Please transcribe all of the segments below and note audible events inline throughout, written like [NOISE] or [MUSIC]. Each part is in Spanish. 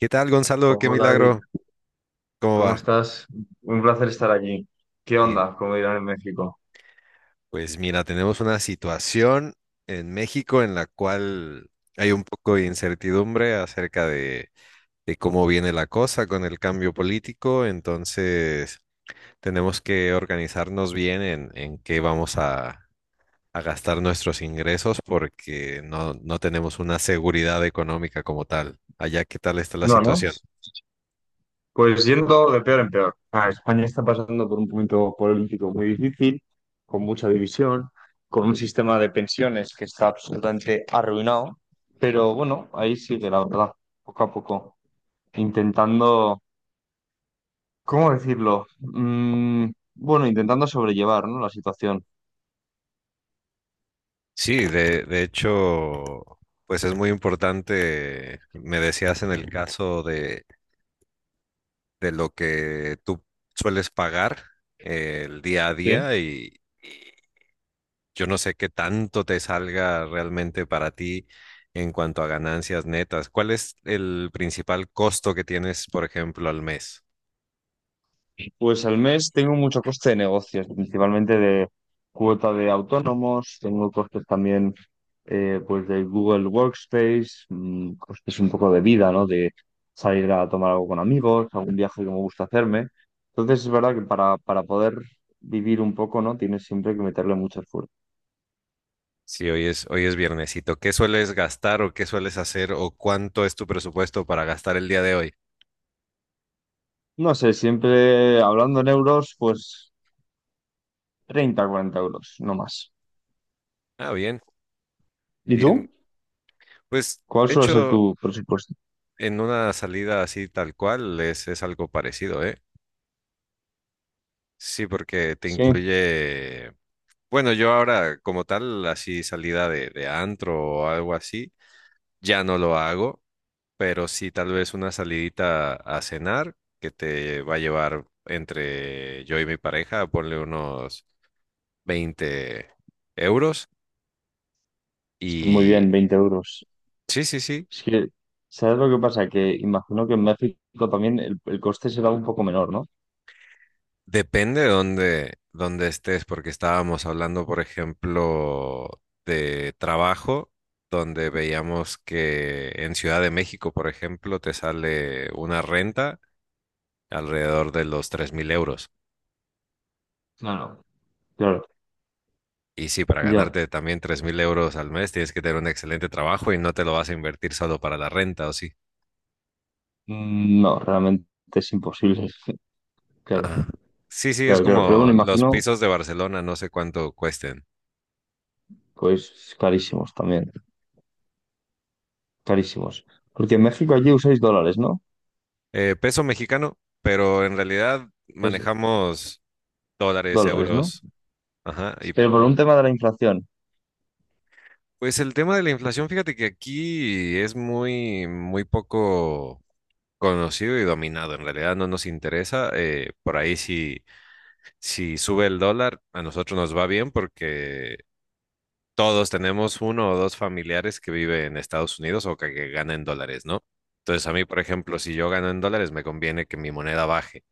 ¿Qué tal, Gonzalo? ¿Qué Hola, Eric, milagro? ¿Cómo ¿cómo va? estás? Un placer estar aquí. ¿Qué Y onda? Como dirán en México. pues mira, tenemos una situación en México en la cual hay un poco de incertidumbre acerca de cómo viene la cosa con el cambio político. Entonces tenemos que organizarnos bien en qué vamos a gastar nuestros ingresos, porque no tenemos una seguridad económica como tal. Allá, ¿qué tal está la No, ¿no? situación? Pues yendo de peor en peor. España está pasando por un momento político muy difícil, con mucha división, con un sistema de pensiones que está absolutamente arruinado, pero bueno, ahí sigue la verdad, poco a poco, intentando, ¿cómo decirlo? Bueno, intentando sobrellevar, ¿no? La situación. Sí, de hecho, pues es muy importante. Me decías en el caso de lo que tú sueles pagar el día a Sí. día, y yo no sé qué tanto te salga realmente para ti en cuanto a ganancias netas. ¿Cuál es el principal costo que tienes, por ejemplo, al mes? Pues al mes tengo mucho coste de negocios, principalmente de cuota de autónomos, tengo costes también pues de Google Workspace, costes un poco de vida, ¿no? De salir a tomar algo con amigos, algún viaje que me gusta hacerme. Entonces es verdad que para poder vivir un poco, ¿no? Tienes siempre que meterle mucho esfuerzo. Si hoy es viernesito, ¿qué sueles gastar o qué sueles hacer o cuánto es tu presupuesto para gastar el día de hoy? No sé, siempre hablando en euros, pues 30, 40 euros, no más. Ah, bien, ¿Y tú? bien. Pues, ¿Cuál de suele ser hecho... tu presupuesto? En una salida así tal cual, es algo parecido, ¿eh? Sí, porque te Sí, incluye, bueno, yo ahora como tal, así salida de antro o algo así, ya no lo hago, pero sí tal vez una salidita a cenar que te va a llevar entre yo y mi pareja, ponle unos 20 euros. está muy Y bien, 20 euros. sí, sí, sí. Es que, ¿sabes lo que pasa? Que imagino que en México también el coste será un poco menor, ¿no? Depende de dónde, dónde estés, porque estábamos hablando, por ejemplo, de trabajo, donde veíamos que en Ciudad de México, por ejemplo, te sale una renta alrededor de los 3.000 euros. Claro. Claro, Y sí, para ya. ganarte también 3.000 euros al mes tienes que tener un excelente trabajo y no te lo vas a invertir solo para la renta, ¿o sí? No, realmente es imposible. [LAUGHS] Claro, Ah, sí, sí, es claro, claro. Pero como bueno, los imagino, pisos de Barcelona, no sé cuánto cuesten. pues carísimos también, carísimos. Porque en México allí usáis dólares, ¿no? Peso mexicano, pero en realidad Es manejamos dólares, dólares, ¿no? euros. Ajá. Pero por un tema de la inflación. Pues el tema de la inflación, fíjate que aquí es muy, muy poco conocido y dominado. En realidad no nos interesa. Por ahí, si sube el dólar, a nosotros nos va bien, porque todos tenemos uno o dos familiares que vive en Estados Unidos, o que ganan en dólares, ¿no? Entonces a mí, por ejemplo, si yo gano en dólares, me conviene que mi moneda baje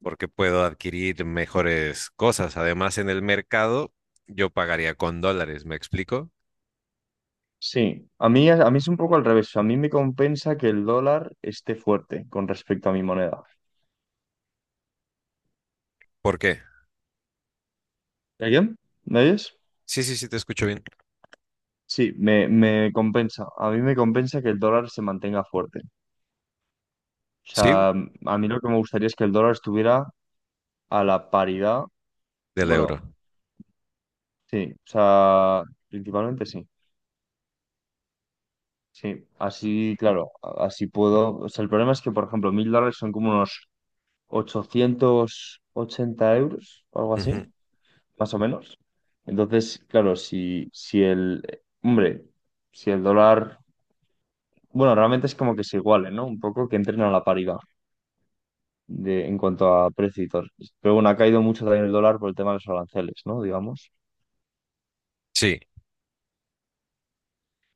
porque puedo adquirir mejores cosas. Además, en el mercado yo pagaría con dólares, ¿me explico? Sí, a mí es un poco al revés. A mí me compensa que el dólar esté fuerte con respecto a mi moneda. ¿Por qué? ¿Alguien? ¿Me oyes? Sí, sí, sí, te escucho bien. Sí, me compensa. A mí me compensa que el dólar se mantenga fuerte. O Sí, sea, a mí lo que me gustaría es que el dólar estuviera a la paridad. del euro. Bueno, sí, o sea, principalmente sí. Sí, así, claro, así puedo. O sea, el problema es que, por ejemplo, 1.000 dólares son como unos 880 euros o algo así, Ujú. más o menos. Entonces, claro, si el, hombre, si el dólar, bueno, realmente es como que se igualen, ¿no? Un poco que entren a la paridad, de, en cuanto a precios. Pero bueno, ha caído mucho también el dólar por el tema de los aranceles, ¿no? Digamos. Sí.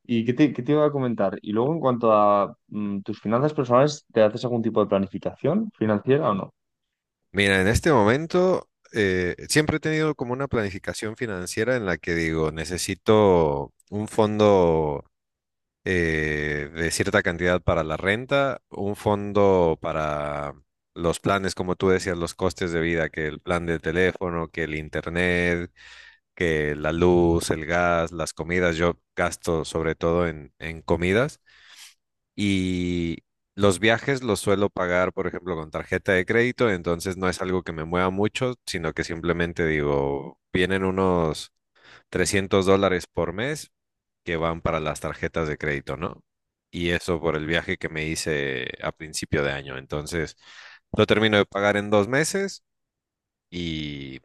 ¿Y qué te iba a comentar? Y luego, en cuanto a tus finanzas personales, ¿te haces algún tipo de planificación financiera o no? Mira, en este momento siempre he tenido como una planificación financiera en la que digo, necesito un fondo de cierta cantidad para la renta, un fondo para los planes, como tú decías, los costes de vida, que el plan de teléfono, que el internet, que la luz, el gas, las comidas. Yo gasto sobre todo en comidas. Y los viajes los suelo pagar, por ejemplo, con tarjeta de crédito. Entonces no es algo que me mueva mucho, sino que simplemente digo, vienen unos $300 por mes que van para las tarjetas de crédito, ¿no? Y eso por el viaje que me hice a principio de año. Entonces, lo termino de pagar en 2 meses y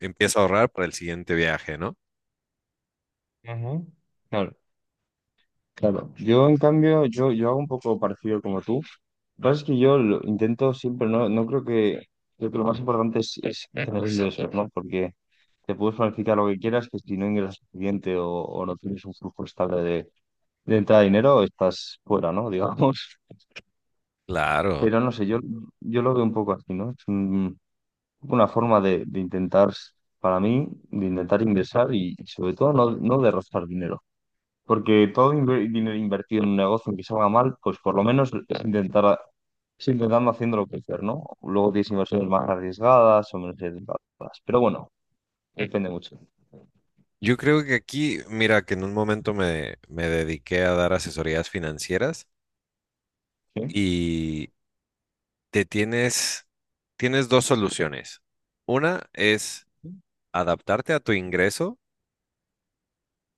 empiezo a ahorrar para el siguiente viaje, ¿no? Claro, yo en cambio, yo hago un poco parecido como tú. Lo que pasa es que yo lo intento siempre, no, creo que lo más importante es tener [LAUGHS] ingresos, ¿no? Porque te puedes planificar lo que quieras, que si no ingresas suficiente o no tienes un flujo estable de entrada de dinero, estás fuera, ¿no? [LAUGHS] Digamos. Claro. Pero no sé, yo lo veo un poco así, ¿no? Es un- una forma de intentar, para mí, de intentar ingresar y sobre todo no, no de rozar dinero. Porque todo inver- dinero invertido en un negocio que salga mal, pues por lo menos es intentar, es intentando haciéndolo crecer, ¿no? Luego tienes inversiones más arriesgadas o menos arriesgadas. Pero bueno, depende mucho. Yo creo que aquí, mira, que en un momento me dediqué a dar asesorías financieras ¿Sí? y te tienes, tienes dos soluciones. Una es adaptarte a tu ingreso,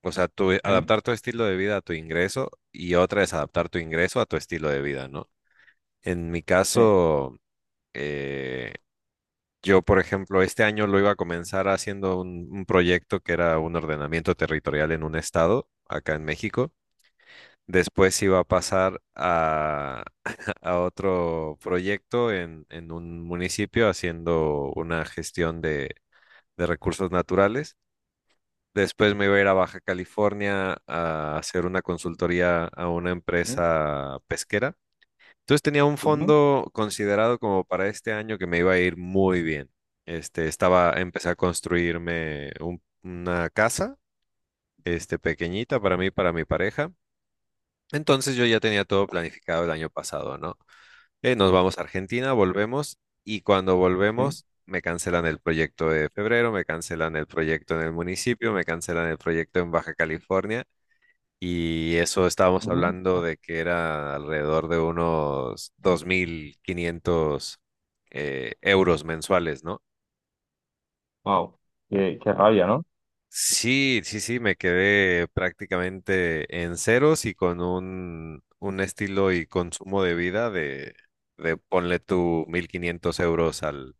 o sea, ¿Sí? adaptar tu estilo de vida a tu ingreso, y otra es adaptar tu ingreso a tu estilo de vida, ¿no? En mi ¿Sí? caso, eh, yo, por ejemplo, este año lo iba a comenzar haciendo un proyecto que era un ordenamiento territorial en un estado acá en México. Después iba a pasar a, [LAUGHS] a otro proyecto en un municipio haciendo una gestión de recursos naturales. Después me iba a ir a Baja California a hacer una consultoría a una ¿Sí? ¿Sí? empresa pesquera. Entonces tenía un Ujú. fondo considerado como para este año que me iba a ir muy bien. Estaba, empecé a construirme una casa, pequeñita para mí, para mi pareja. Entonces yo ya tenía todo planificado el año pasado, ¿no? Nos vamos a Argentina, volvemos, y cuando ¿Sí? volvemos me cancelan el proyecto de febrero, me cancelan el proyecto en el municipio, me cancelan el proyecto en Baja California, y eso estábamos Ujú. hablando de que era alrededor de unos 2.500 euros mensuales, ¿no? Guau. Qué, qué rabia, ¿no? Sí, sí, sí, me quedé prácticamente en ceros y con un estilo y consumo de vida de ponle tú 1.500 euros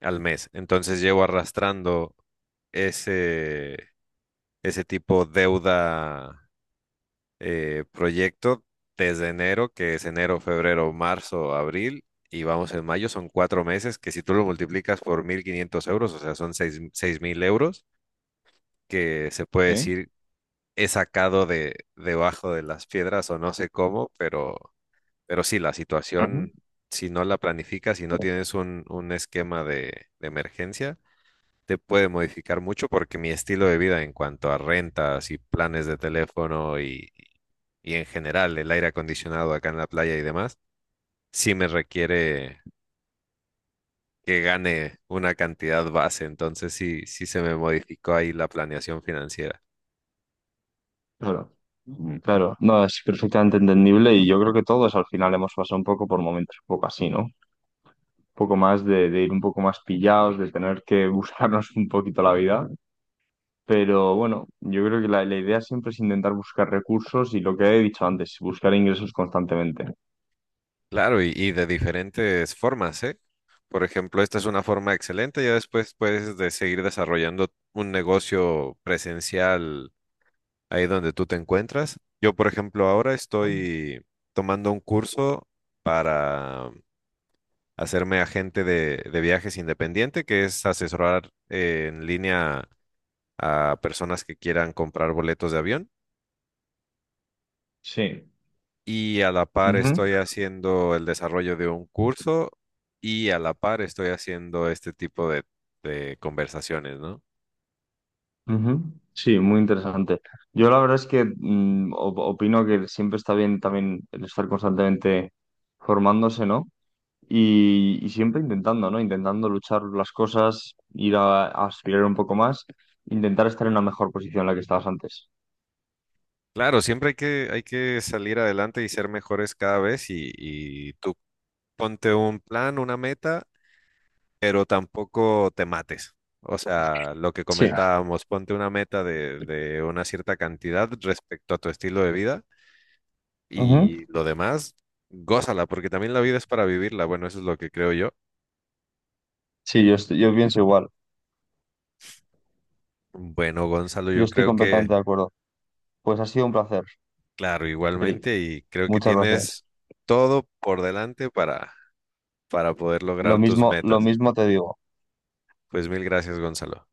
al mes. Entonces llevo arrastrando ese, ese tipo deuda proyecto desde enero, que es enero, febrero, marzo, abril, y vamos en mayo. Son 4 meses que si tú lo multiplicas por 1.500 euros, o sea, son 6.000 euros, que se puede Sí. decir he sacado de debajo de las piedras o no sé cómo, pero sí, la Ujú. situación, si no la planificas, si no tienes un esquema de emergencia, te puede modificar mucho, porque mi estilo de vida en cuanto a rentas y planes de teléfono, y en general el aire acondicionado acá en la playa y demás, sí me requiere que gane una cantidad base. Entonces sí, sí se me modificó ahí la planeación financiera. Claro. Claro, no, es perfectamente entendible y yo creo que todos al final hemos pasado un poco por momentos un poco así, ¿no? Un poco más de ir un poco más pillados, de tener que [LAUGHS] buscarnos un poquito la vida, pero bueno, yo creo que la idea siempre es intentar buscar recursos y lo que he dicho antes, buscar ingresos constantemente. Claro, y de diferentes formas, ¿eh? Por ejemplo, esta es una forma excelente, ya después puedes de seguir desarrollando un negocio presencial ahí donde tú te encuentras. Yo, por ejemplo, ahora estoy tomando un curso para hacerme agente de viajes independiente, que es asesorar en línea a personas que quieran comprar boletos de avión. Sí. Y a la par Ujú, estoy haciendo el desarrollo de un curso, y a la par estoy haciendo este tipo de conversaciones, ¿no? ujú. Sí, muy interesante. Yo la verdad es que op- opino que siempre está bien también el estar constantemente formándose, ¿no? Y, y siempre intentando, ¿no? Intentando luchar las cosas, ir a aspirar un poco más, intentar estar en una mejor posición en la que estabas antes. Claro, siempre hay que salir adelante y ser mejores cada vez, y tú ponte un plan, una meta, pero tampoco te mates. O sea, lo que Sí. comentábamos, ponte una meta de una cierta cantidad respecto a tu estilo de vida, Ujú. y lo demás, gózala, porque también la vida es para vivirla. Bueno, eso es lo que creo yo. Sí, yo, estoy- yo pienso igual. Bueno, Gonzalo, Yo yo estoy creo que, completamente de acuerdo. Pues ha sido un placer, claro, Eric. igualmente, y creo que Muchas gracias. tienes todo por delante para poder lograr tus Lo metas. mismo te digo. Pues mil gracias, Gonzalo.